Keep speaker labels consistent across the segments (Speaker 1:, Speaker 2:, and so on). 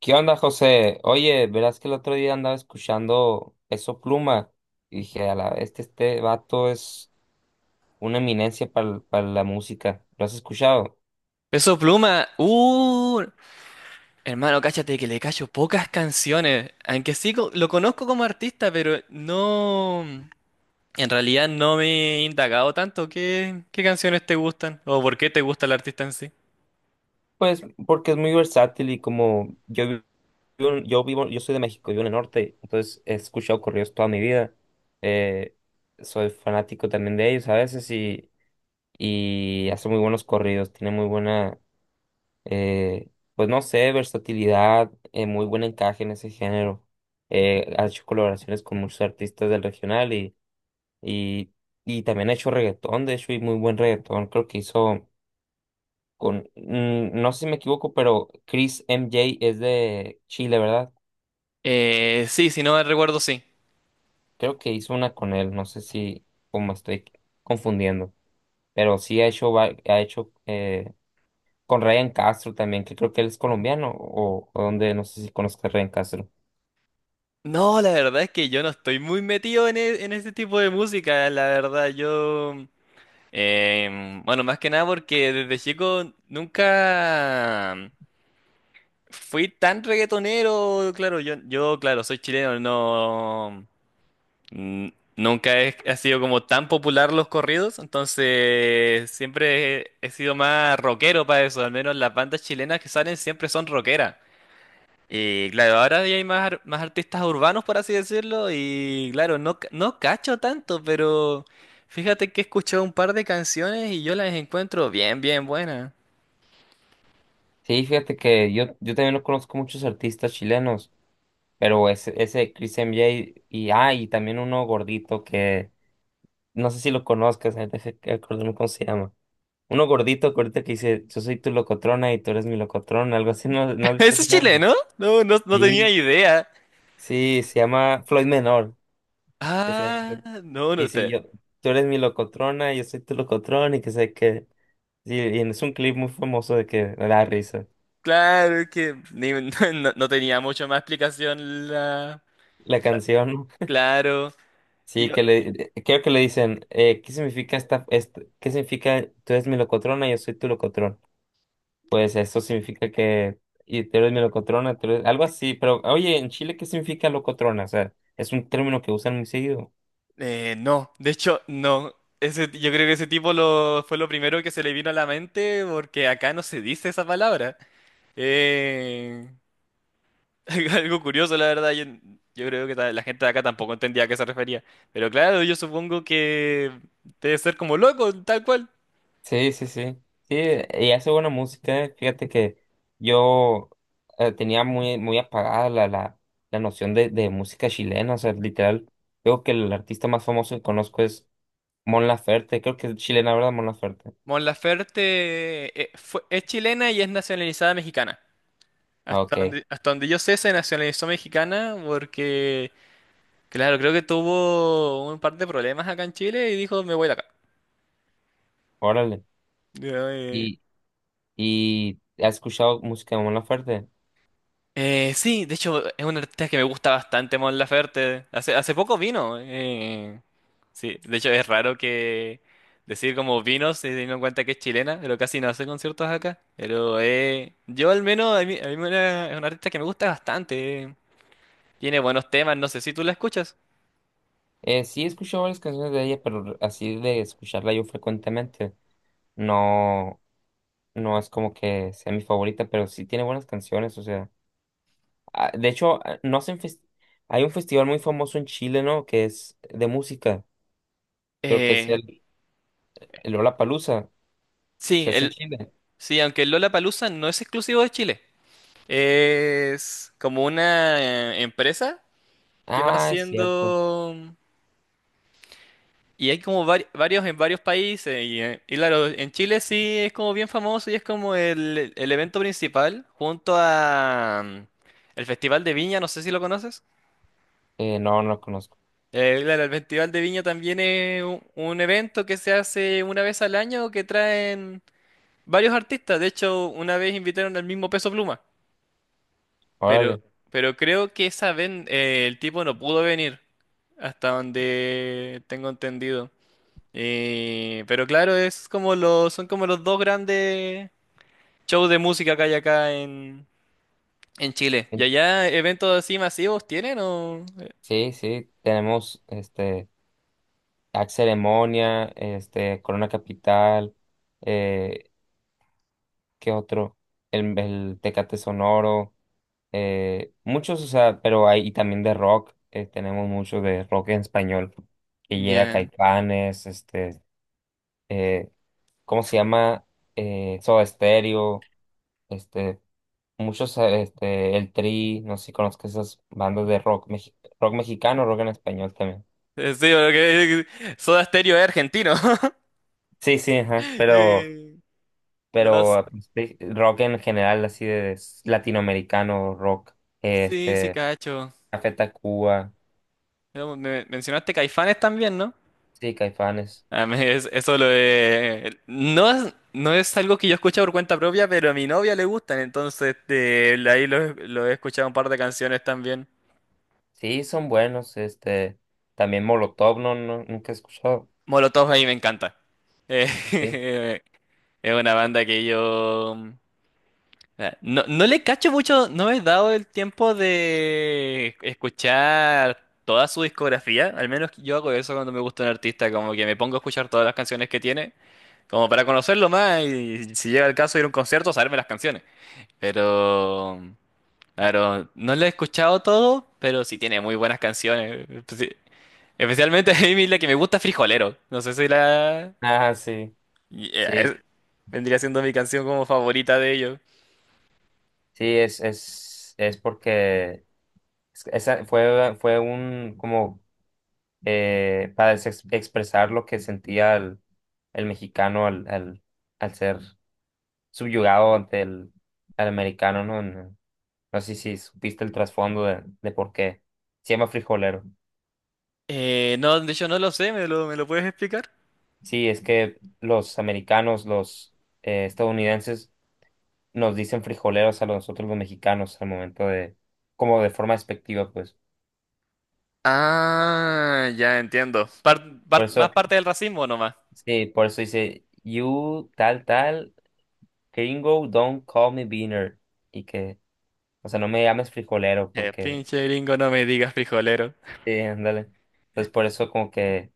Speaker 1: ¿Qué onda, José? Oye, verás que el otro día andaba escuchando Peso Pluma y dije, a la este vato es una eminencia para la música. ¿Lo has escuchado?
Speaker 2: Peso Pluma, hermano, cáchate que le cacho pocas canciones, aunque sí lo conozco como artista, pero no, en realidad no me he indagado tanto qué, qué canciones te gustan o por qué te gusta el artista en sí.
Speaker 1: Pues porque es muy versátil y como yo vivo, yo soy de México, vivo en el norte, entonces he escuchado corridos toda mi vida. Eh, Soy fanático también de ellos a veces y hace muy buenos corridos, tiene muy buena, Eh, pues no sé, versatilidad, muy buen encaje en ese género. Ha hecho colaboraciones con muchos artistas del regional y, y también ha hecho reggaetón, de hecho, y muy buen reggaetón. Creo que hizo con, no sé si me equivoco, pero Chris MJ es de Chile, ¿verdad?
Speaker 2: Sí, si no me recuerdo, sí.
Speaker 1: Creo que hizo una con él, no sé si como estoy confundiendo, pero sí ha ha hecho, con Ryan Castro también, que creo que él es colombiano o donde, no sé si conozco a Ryan Castro.
Speaker 2: No, la verdad es que yo no estoy muy metido en, en ese tipo de música, la verdad, yo... bueno, más que nada porque desde chico nunca... Fui tan reggaetonero, claro, yo, claro, soy chileno, no, nunca he, ha sido como tan popular los corridos, entonces siempre he, he sido más rockero para eso, al menos las bandas chilenas que salen siempre son rockeras. Y claro, ahora ya hay más, más artistas urbanos, por así decirlo, y claro, no, no cacho tanto, pero fíjate que he escuchado un par de canciones y yo las encuentro bien, bien buenas.
Speaker 1: Sí, fíjate que yo también no conozco muchos artistas chilenos, pero ese de Chris MJ y, ah, y también uno gordito que no sé si lo conozcas, deja que acordarme cómo se llama. Uno gordito, gordito que dice, yo soy tu locotrona y tú eres mi locotrona, algo así, ¿no, no has visto
Speaker 2: ¿Eso
Speaker 1: ese
Speaker 2: es
Speaker 1: meme?
Speaker 2: chileno? No, no, no tenía
Speaker 1: Sí,
Speaker 2: idea.
Speaker 1: sí, se llama Floyd Menor, que se llama, Floyd.
Speaker 2: Ah, no, no
Speaker 1: Y si
Speaker 2: sé.
Speaker 1: yo, tú eres mi locotrona, yo soy tu locotrona y que sé que, sí, y es un clip muy famoso de que me da risa,
Speaker 2: Claro es que no, no tenía mucho más explicación
Speaker 1: la
Speaker 2: la-
Speaker 1: canción.
Speaker 2: claro. Y
Speaker 1: Sí,
Speaker 2: yo-
Speaker 1: que le, de- creo que le dicen, ¿qué significa esta, este- qué significa tú eres mi locotrona, yo soy tu locotrón? Pues eso significa que, y tú eres mi locotrona, tú eres- algo así, pero oye, en Chile, ¿qué significa locotrona? O sea, es un término que usan muy seguido.
Speaker 2: no, de hecho, no. Ese, yo creo que ese tipo lo, fue lo primero que se le vino a la mente porque acá no se dice esa palabra. Eh, algo curioso, la verdad. Yo creo que la gente de acá tampoco entendía a qué se refería. Pero claro, yo supongo que debe ser como loco, tal cual.
Speaker 1: Sí, sí, sí. Sí, y hace buena música, eh. Fíjate que yo, tenía muy, muy apagada la noción de música chilena, o sea, literal, creo que el artista más famoso que conozco es Mon Laferte, creo que es chilena, ¿verdad? Mon Laferte.
Speaker 2: Mon Laferte es chilena y es nacionalizada mexicana.
Speaker 1: Ah, ok.
Speaker 2: Hasta donde yo sé, se nacionalizó mexicana porque, claro, creo que tuvo un par de problemas acá en Chile y dijo, me voy de acá.
Speaker 1: Órale.
Speaker 2: Ya,
Speaker 1: Y ¿Y has escuchado música de Mon Laferte?
Speaker 2: Sí, de hecho, es una artista que me gusta bastante, Mon Laferte. Hace, hace poco vino. Sí, de hecho, es raro que decir como vino, si teniendo en cuenta que es chilena, pero casi no hace conciertos acá. Pero yo al menos, a mí, es una artista que me gusta bastante. Tiene buenos temas, no sé si tú la escuchas.
Speaker 1: Sí, he escuchado varias canciones de ella, pero así de escucharla yo frecuentemente, no, no es como que sea mi favorita, pero sí tiene buenas canciones, o sea, ah, de hecho, ah, no hacen hay un festival muy famoso en Chile, ¿no? Que es de música, creo que es
Speaker 2: Eh,
Speaker 1: el Lollapalooza,
Speaker 2: sí,
Speaker 1: se hace en Chile.
Speaker 2: sí, aunque el Lollapalooza no es exclusivo de Chile. Es como una empresa que va
Speaker 1: Ah, es cierto,
Speaker 2: haciendo... Y hay como varios en varios países. Y claro, en Chile sí es como bien famoso y es como el evento principal junto a... el Festival de Viña, no sé si lo conoces.
Speaker 1: no, no lo conozco,
Speaker 2: Claro, el Festival de Viña también es un evento que se hace una vez al año que traen... Varios artistas, de hecho, una vez invitaron al mismo Peso Pluma, pero,
Speaker 1: órale.
Speaker 2: pero creo que esa vez el tipo no pudo venir, hasta donde tengo entendido. Pero claro, es como los, son como los dos grandes shows de música que hay acá en Chile. ¿Y
Speaker 1: En...
Speaker 2: allá eventos así masivos tienen o...?
Speaker 1: Sí, sí, tenemos, este, Axe Ceremonia, este, Corona Capital, eh, ¿qué otro? El Tecate Sonoro, muchos, o sea, pero hay, y también de rock, tenemos mucho de rock en español, que llega
Speaker 2: Ya.
Speaker 1: Caifanes, este, eh, ¿cómo se llama? Soda Stereo, este, muchos, este, El Tri, no sé si conozco esas bandas de rock, rock mexicano, rock en español también.
Speaker 2: Sí, porque Soda Stereo es argentino.
Speaker 1: Sí, sí, ajá, pero...
Speaker 2: Eh, no,
Speaker 1: pero ah, pues, sí, rock en general, así de latinoamericano, rock,
Speaker 2: sí, sí,
Speaker 1: este,
Speaker 2: cacho.
Speaker 1: Café Tacuba,
Speaker 2: Mencionaste Caifanes también, ¿no?
Speaker 1: sí, Caifanes,
Speaker 2: A mí eso lo de... No es, no es algo que yo escuche por cuenta propia, pero a mi novia le gustan, entonces ahí lo he escuchado un par de canciones también.
Speaker 1: sí, son buenos, este, también Molotov, no, no, nunca he escuchado,
Speaker 2: Molotov ahí me encanta.
Speaker 1: sí,
Speaker 2: Eh, es una banda que yo... No, no le cacho mucho, no me he dado el tiempo de escuchar toda su discografía, al menos yo hago eso cuando me gusta un artista, como que me pongo a escuchar todas las canciones que tiene, como para conocerlo más y si llega el caso ir a un concierto, saberme las canciones. Pero, claro, no lo he escuchado todo, pero sí tiene muy buenas canciones. Especialmente a mí la que me gusta, Frijolero. No sé si la...
Speaker 1: ah, sí,
Speaker 2: Yeah,
Speaker 1: sí,
Speaker 2: vendría siendo mi canción como favorita de ellos.
Speaker 1: sí, es porque esa fue un, como, para expresar lo que sentía el mexicano al ser subyugado ante el, al americano, ¿no? No sé si supiste el trasfondo de por qué. Se llama frijolero.
Speaker 2: No, de hecho no lo sé, me lo puedes explicar?
Speaker 1: Sí, es que los americanos, los, estadounidenses, nos dicen frijoleros a nosotros los mexicanos al momento de, como de forma despectiva, pues.
Speaker 2: Ah, ya entiendo.
Speaker 1: Por
Speaker 2: Más
Speaker 1: eso,
Speaker 2: parte del racismo nomás.
Speaker 1: sí, por eso dice, you tal tal, gringo, don't call me beaner. Y que, o sea, no me llames frijolero porque,
Speaker 2: Pinche gringo, no me digas frijolero.
Speaker 1: sí, ándale. Entonces, por eso como que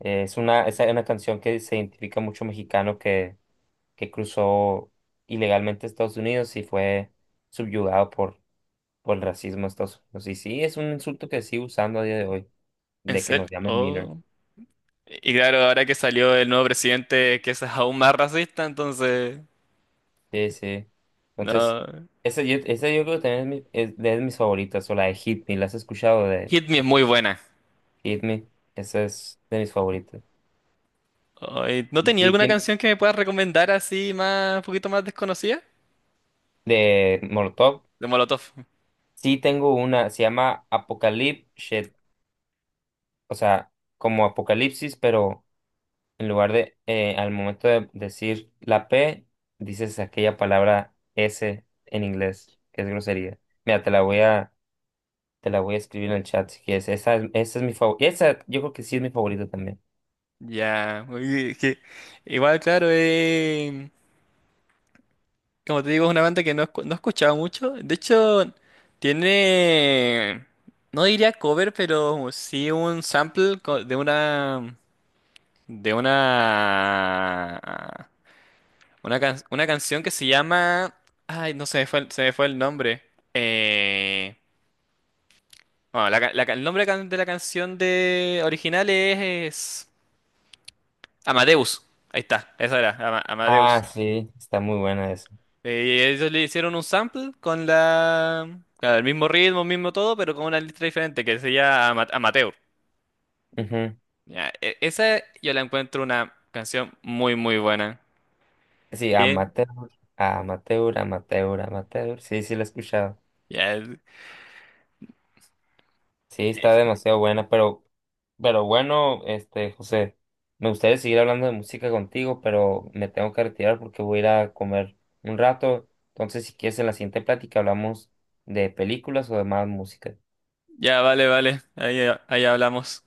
Speaker 1: es una canción que se identifica mucho mexicano que cruzó ilegalmente a Estados Unidos y fue subyugado por el racismo de Estados Unidos. Y sí, es un insulto que sigue usando a día de hoy,
Speaker 2: ¿En
Speaker 1: de que
Speaker 2: serio?
Speaker 1: nos llamen beaner.
Speaker 2: Oh. Y claro, ahora que salió el nuevo presidente, que es aún más racista, entonces...
Speaker 1: Sí, sí. Entonces,
Speaker 2: No.
Speaker 1: esa yo creo que también es de mis favoritas, o la de Hit Me, ¿la has escuchado de
Speaker 2: Hit Me es muy buena.
Speaker 1: Hit Me? Esa es de mis favoritas.
Speaker 2: Ay, ¿no
Speaker 1: Y
Speaker 2: tenía
Speaker 1: sí,
Speaker 2: alguna
Speaker 1: tiene,
Speaker 2: canción que me puedas recomendar así más, un poquito más desconocida?
Speaker 1: de Molotov,
Speaker 2: De Molotov.
Speaker 1: sí tengo una, se llama Apocalypse Shit, o sea, como apocalipsis, pero en lugar de, al momento de decir la P, dices aquella palabra S en inglés, que es grosería. Mira, te la voy a escribir en el chat si quieres. Esa es mi favorita. Esa yo creo que sí es mi favorita también.
Speaker 2: Ya, uy, es que igual, claro, como te digo, es una banda que no, no he escuchado mucho. De hecho, tiene, no diría cover, pero sí un sample de una, una canción que se llama, ay, no se me fue, se me fue el nombre. Eh, Bueno, el nombre de la canción de original es Amadeus. Ahí está, esa era,
Speaker 1: Ah,
Speaker 2: Amadeus.
Speaker 1: sí, está muy buena esa.
Speaker 2: Ellos le hicieron un sample con la, claro, el mismo ritmo, mismo todo, pero con una letra diferente que se llama Amateur.
Speaker 1: Ujú.
Speaker 2: Ya, esa yo la encuentro una canción muy, muy buena.
Speaker 1: Sí,
Speaker 2: Bien.
Speaker 1: amateur. Sí, sí, la he escuchado.
Speaker 2: Ya,
Speaker 1: Sí, está
Speaker 2: eh,
Speaker 1: demasiado buena, pero bueno, este, José, me gustaría seguir hablando de música contigo, pero me tengo que retirar porque voy a ir a comer un rato. Entonces, si quieres, en la siguiente plática hablamos de películas o de más música.
Speaker 2: ya, vale, vale. Ahí, ahí hablamos.